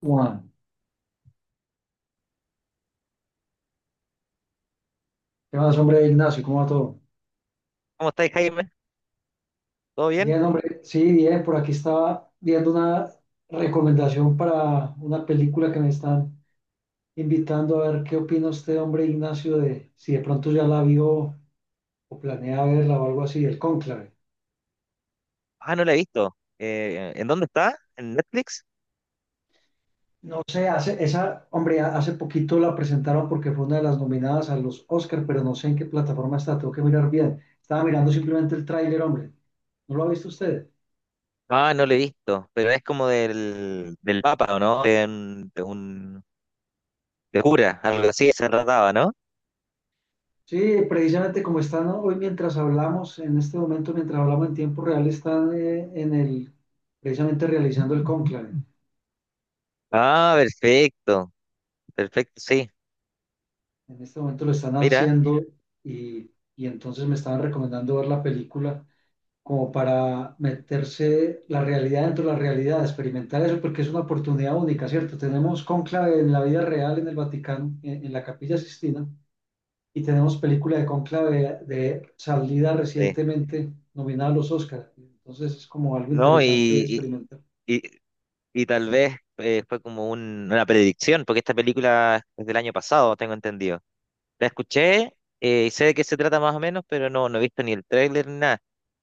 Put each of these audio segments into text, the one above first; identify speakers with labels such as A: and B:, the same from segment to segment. A: Juan, ¿qué más, hombre, Ignacio? ¿Cómo va todo?
B: ¿Cómo estáis, Jaime? ¿Todo bien?
A: Bien, hombre, sí, bien, por aquí estaba viendo una recomendación para una película que me están invitando a ver qué opina usted, hombre, Ignacio, de si de pronto ya la vio o planea verla o algo así, el Cónclave.
B: Ah, no la he visto. ¿En dónde está? ¿En Netflix?
A: No sé, hace, esa, hombre, hace poquito la presentaron porque fue una de las nominadas a los Oscar, pero no sé en qué plataforma está, tengo que mirar bien. Estaba mirando simplemente el tráiler, hombre. ¿No lo ha visto usted?
B: Ah, no la he visto, pero es como del Papa, ¿o no? De cura, algo así se trataba, ¿no?
A: Sí, precisamente como están hoy mientras hablamos, en este momento, mientras hablamos en tiempo real, están en el, precisamente realizando el cónclave.
B: Ah, perfecto, perfecto, sí.
A: En este momento lo están
B: Mira,
A: haciendo y entonces me estaban recomendando ver la película como para meterse la realidad dentro de la realidad, experimentar eso, porque es una oportunidad única, ¿cierto? Tenemos cónclave en la vida real en el Vaticano, en la Capilla Sistina, y tenemos película de Conclave de salida
B: sí.
A: recientemente nominada a los Oscar. Entonces es como algo
B: No,
A: interesante de experimentar.
B: y, y tal vez fue como una predicción, porque esta película es del año pasado, tengo entendido. La escuché y sé de qué se trata más o menos, pero no, no he visto ni el tráiler ni nada.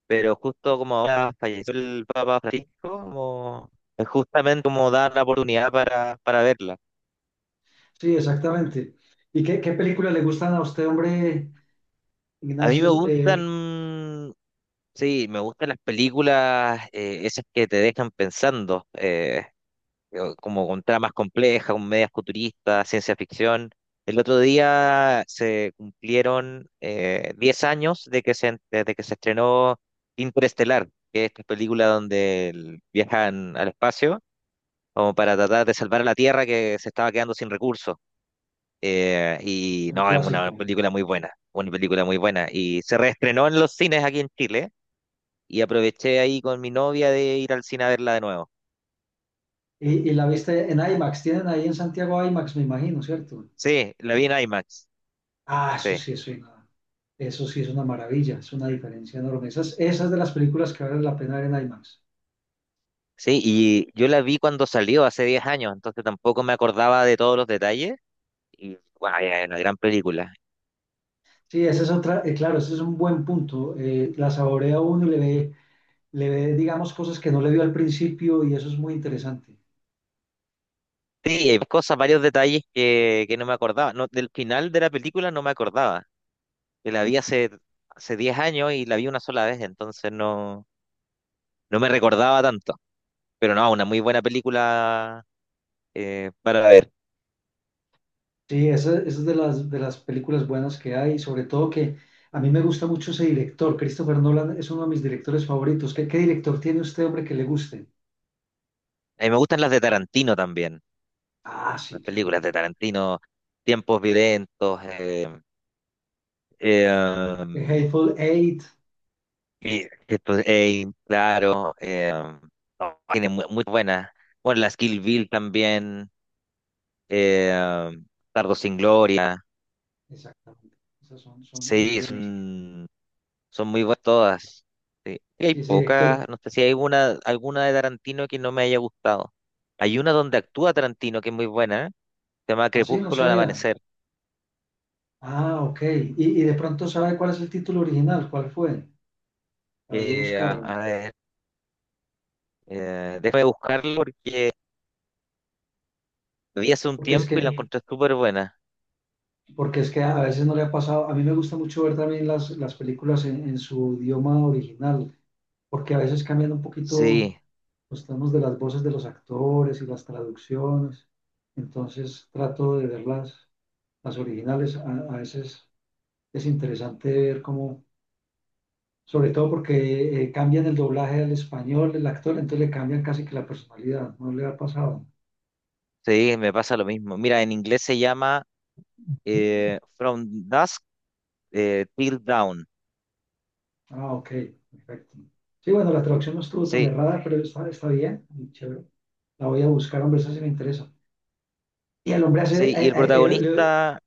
B: Pero justo como ahora falleció el Papa Francisco, como, es justamente como dar la oportunidad para verla.
A: Sí, exactamente. ¿Y qué, qué películas le gustan a usted, hombre,
B: A mí me
A: Ignacio?
B: gustan, mm, sí, me gustan las películas, esas que te dejan pensando, como con tramas complejas, con medias futuristas, ciencia ficción. El otro día se cumplieron 10 años de desde que se estrenó Interestelar, que es esta película donde viajan al espacio como para tratar de salvar a la Tierra que se estaba quedando sin recursos. Y
A: Un
B: no, es una
A: clásico.
B: película muy buena, una película muy buena. Y se reestrenó en los cines aquí en Chile y aproveché ahí con mi novia de ir al cine a verla de nuevo.
A: Y la viste en IMAX. Tienen ahí en Santiago IMAX, me imagino, ¿cierto?
B: Sí, la vi en IMAX,
A: Ah, eso
B: sí.
A: sí es una, eso sí es una maravilla, es una diferencia enorme. Esas, esas de las películas que valen la pena ver en IMAX.
B: Sí, y yo la vi cuando salió hace 10 años, entonces tampoco me acordaba de todos los detalles. Y wow, es una gran película.
A: Sí, ese es otra, claro, ese es un buen punto. La saborea uno y le ve, digamos, cosas que no le vio al principio y eso es muy interesante.
B: Sí, hay cosas, varios detalles que no me acordaba. No, del final de la película no me acordaba. Que la vi hace, hace 10 años y la vi una sola vez, entonces no, no me recordaba tanto. Pero no, una muy buena película para ver.
A: Sí, esa es de las películas buenas que hay, sobre todo que a mí me gusta mucho ese director, Christopher Nolan es uno de mis directores favoritos. ¿Qué, qué director tiene usted, hombre, que le guste?
B: A mí me gustan las de Tarantino también,
A: Ah, sí,
B: las
A: claro.
B: películas de
A: Claro.
B: Tarantino, Tiempos Violentos, eh,
A: The Hateful Eight,
B: y esto, claro, no, tiene muy buenas. Bueno, las Kill Bill también, eh, Tardo sin Gloria,
A: exactamente. Esas son, son muy
B: sí, es
A: buenas.
B: un son muy buenas todas. Sí. Y hay
A: Sí, ese director.
B: pocas, no sé si hay una, alguna de Tarantino que no me haya gustado. Hay una donde actúa Tarantino que es muy buena, ¿eh? Se llama
A: Ah, sí, no
B: Crepúsculo al
A: sabía.
B: amanecer.
A: Ah, ok. Y de pronto sabe cuál es el título original, cuál fue, para yo buscarlo.
B: A ver, déjame buscarlo porque la vi hace un
A: Porque es
B: tiempo y la
A: que
B: encontré súper buena.
A: porque es que a veces no le ha pasado, a mí me gusta mucho ver también las películas en su idioma original, porque a veces cambian un poquito
B: Sí,
A: los tonos de las voces de los actores y las traducciones, entonces trato de verlas, las originales, a veces es interesante ver cómo, sobre todo porque cambian el doblaje al español, el actor, entonces le cambian casi que la personalidad, ¿no le ha pasado?
B: sí, me pasa lo mismo. Mira, en inglés se llama From Dusk Till Dawn.
A: Ah, ok, perfecto. Sí, bueno, la traducción no estuvo tan
B: Sí,
A: errada, pero está, está bien, y chévere. La voy a buscar, hombre, eso sí me interesa. Y al hombre hace,
B: sí, y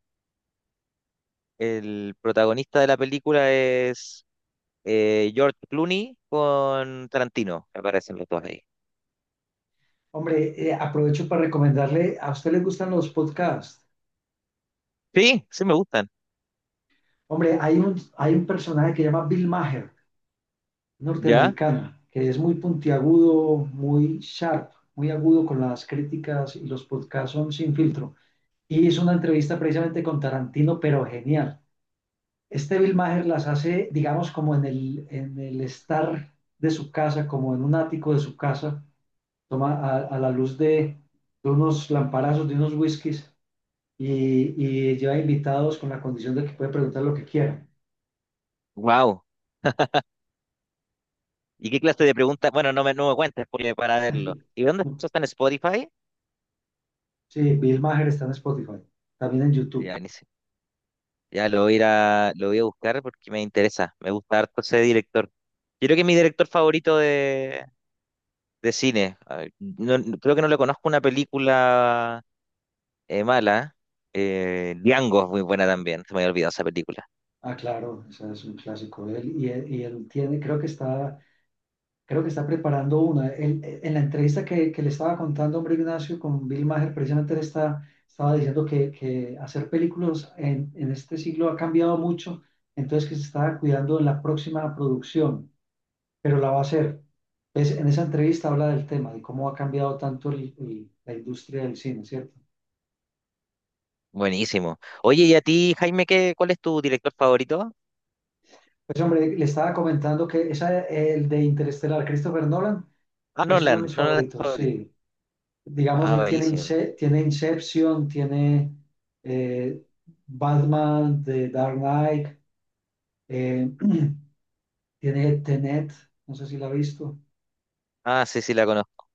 B: el protagonista de la película es George Clooney con Tarantino, me parecen los dos ahí.
A: hombre, aprovecho para recomendarle, ¿a usted le gustan los podcasts?
B: Sí, me gustan.
A: Hombre, hay un personaje que se llama Bill Maher,
B: ¿Ya?
A: norteamericano, que es muy puntiagudo, muy sharp, muy agudo con las críticas y los podcasts son sin filtro. Y hizo una entrevista precisamente con Tarantino, pero genial. Este Bill Maher las hace, digamos, como en el estar de su casa, como en un ático de su casa, toma a la luz de unos lamparazos, de unos whiskies, y, y lleva invitados con la condición de que puede preguntar lo que quiera.
B: Wow. ¿Y qué clase de preguntas? Bueno, no me cuentes porque para verlo. ¿Y dónde
A: ¿No?
B: eso está en Spotify?
A: Sí, Bill Maher está en Spotify, también en
B: Ya,
A: YouTube.
B: buenísimo. Lo voy a buscar porque me interesa. Me gusta harto ese director. Yo creo que es mi director favorito de cine. A ver, creo que no le conozco una película mala. Django es muy buena también. Se me había olvidado esa película.
A: Ah, claro, ese es un clásico de él. Y, y él tiene, creo que está creo que está preparando una. Él, en la entrevista que le estaba contando, hombre, Ignacio, con Bill Maher, precisamente él está, estaba diciendo que hacer películas en este siglo ha cambiado mucho, entonces que se estaba cuidando en la próxima producción, pero la va a hacer. Pues, en esa entrevista habla del tema, de cómo ha cambiado tanto la industria del cine, ¿cierto?
B: Buenísimo. Oye, ¿y a ti, Jaime, qué, cuál es tu director favorito?
A: Pues, hombre, le estaba comentando que esa, el de Interestelar, Christopher Nolan,
B: Ah,
A: es uno de
B: Nolan,
A: mis
B: Nolan es tu
A: favoritos,
B: favorito.
A: sí. Digamos,
B: Ah,
A: él tiene,
B: buenísimo.
A: Tiene Inception, tiene eh, Batman de Dark Knight, eh, tiene Tenet, no sé si la ha visto.
B: Sí, la conozco.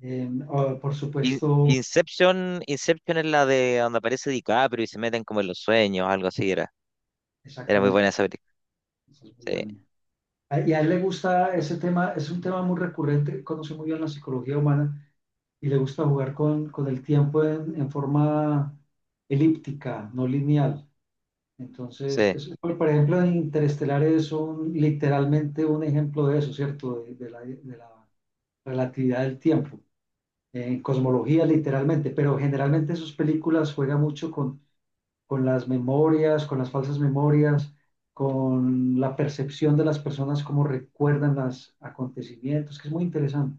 A: O, por
B: In-
A: supuesto,
B: Inception, Inception es la de donde aparece DiCaprio y se meten como en los sueños, algo así era. Era muy
A: exactamente,
B: buena
A: sí,
B: esa película.
A: eso es muy
B: Sí,
A: bueno. Y a él le gusta ese tema, es un tema muy recurrente, conoce muy bien la psicología humana y le gusta jugar con el tiempo en forma elíptica, no lineal. Entonces,
B: sí,
A: por ejemplo, en Interestelar es un, literalmente un ejemplo de eso, ¿cierto? De la relatividad del tiempo, en cosmología literalmente, pero generalmente sus películas juegan mucho con las memorias, con las falsas memorias, con la percepción de las personas, cómo recuerdan los acontecimientos, que es muy interesante,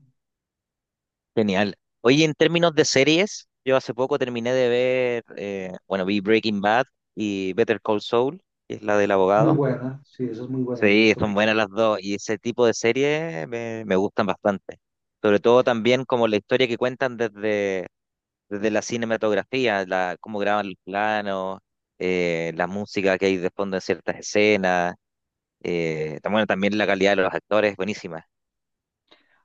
B: genial. Oye, en términos de series, yo hace poco terminé de ver, bueno, vi Breaking Bad y Better Call Saul, que es la del
A: muy
B: abogado.
A: buena, sí, esa es muy buena, me
B: Sí,
A: gusta
B: son
A: mucho.
B: buenas las dos y ese tipo de series me gustan bastante. Sobre todo también como la historia que cuentan desde la cinematografía, cómo graban los planos, la música que hay de fondo en ciertas escenas, bueno, también la calidad de los actores, buenísima.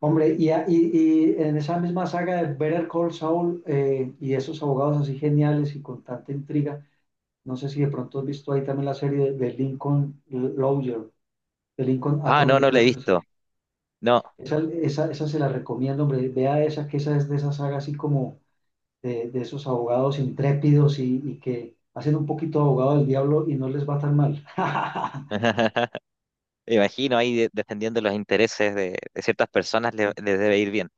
A: Hombre, y, y en esa misma saga de Better Call Saul y esos abogados así geniales y con tanta intriga, no sé si de pronto has visto ahí también la serie de Lincoln Lawyer, de Lincoln
B: Ah, no,
A: Attorney,
B: no la
A: creo
B: he
A: que es así.
B: visto. No.
A: Esa se la recomiendo, hombre, vea esa, que esa es de esa saga así como de esos abogados intrépidos y que hacen un poquito abogado del diablo y no les va tan mal.
B: Me imagino ahí defendiendo los intereses de ciertas personas les debe ir bien.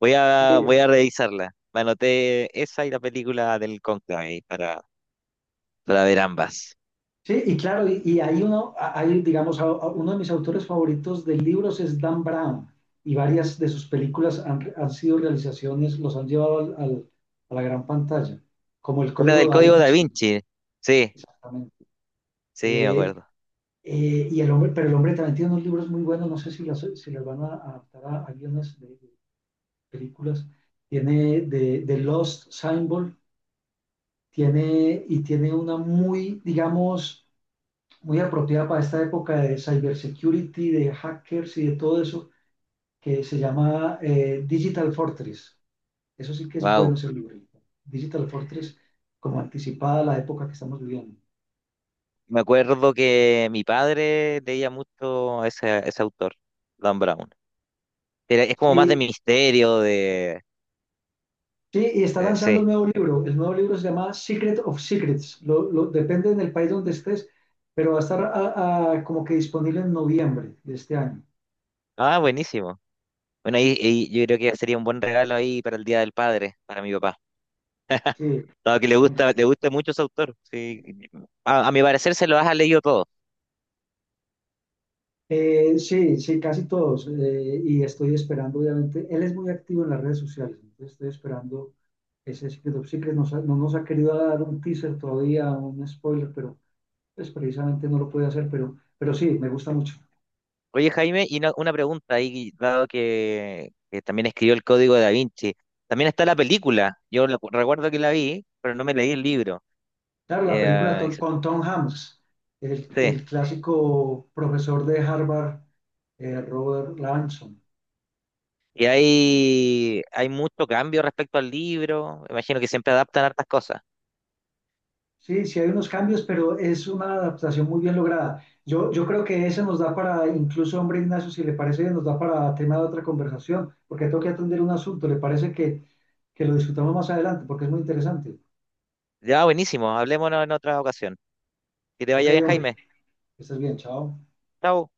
B: Voy
A: Sí,
B: a revisarla. Me anoté esa y la película del Conclave para ver ambas.
A: sí, y claro, y hay uno, hay, digamos, uno de mis autores favoritos de libros es Dan Brown, y varias de sus películas han, han sido realizaciones, los han llevado a la gran pantalla, como El
B: Es la
A: Código
B: del
A: Da
B: Código Da
A: Vinci,
B: Vinci. Sí,
A: exactamente.
B: sí, me
A: Eh,
B: acuerdo.
A: y el hombre, pero el hombre también tiene unos libros muy buenos, no sé si las, si las van a adaptar a guiones de películas. Tiene de Lost Symbol, tiene, y tiene una muy, digamos, muy apropiada para esta época de cybersecurity, de hackers y de todo eso, que se llama Digital Fortress. Eso sí que es bueno
B: Wow.
A: ese libro. Digital Fortress, como anticipada a la época que estamos viviendo.
B: Me acuerdo que mi padre leía mucho a ese autor, Dan Brown. Era es como más de
A: Sí,
B: misterio, de...
A: sí, y está
B: Eh,
A: lanzando el
B: sí.
A: nuevo libro. El nuevo libro se llama Secret of Secrets. Lo, depende del país donde estés, pero va a estar como que disponible en noviembre de este año.
B: Ah, buenísimo. Bueno, ahí yo creo que sería un buen regalo ahí para el Día del Padre, para mi papá.
A: Sí,
B: Dado que le gusta mucho ese autor. Sí. A mi parecer se lo has leído todo.
A: Sí, sí, casi todos. Y estoy esperando, obviamente, él es muy activo en las redes sociales, entonces estoy esperando ese Secret of Secret. No nos ha querido dar un teaser todavía, un spoiler, pero pues, precisamente no lo puede hacer, pero sí, me gusta mucho.
B: Oye, Jaime, y una pregunta ahí, dado que también escribió el Código de Da Vinci. También está la película. Yo recuerdo que la vi, pero no me leí el libro.
A: Claro, la película
B: Eh,
A: con Tom Hanks,
B: sí.
A: el clásico profesor de Harvard, Robert Lanson.
B: Y hay mucho cambio respecto al libro. Me imagino que siempre adaptan hartas cosas.
A: Sí, sí hay unos cambios, pero es una adaptación muy bien lograda. Yo creo que ese nos da para, incluso, hombre Ignacio, si le parece, nos da para tema de otra conversación, porque tengo que atender un asunto. ¿Le parece que lo discutamos más adelante? Porque es muy interesante.
B: Ya, buenísimo. Hablémonos en otra ocasión. Que te
A: Ok,
B: vaya bien,
A: hombre,
B: Jaime.
A: que estés bien, chao.
B: Chao.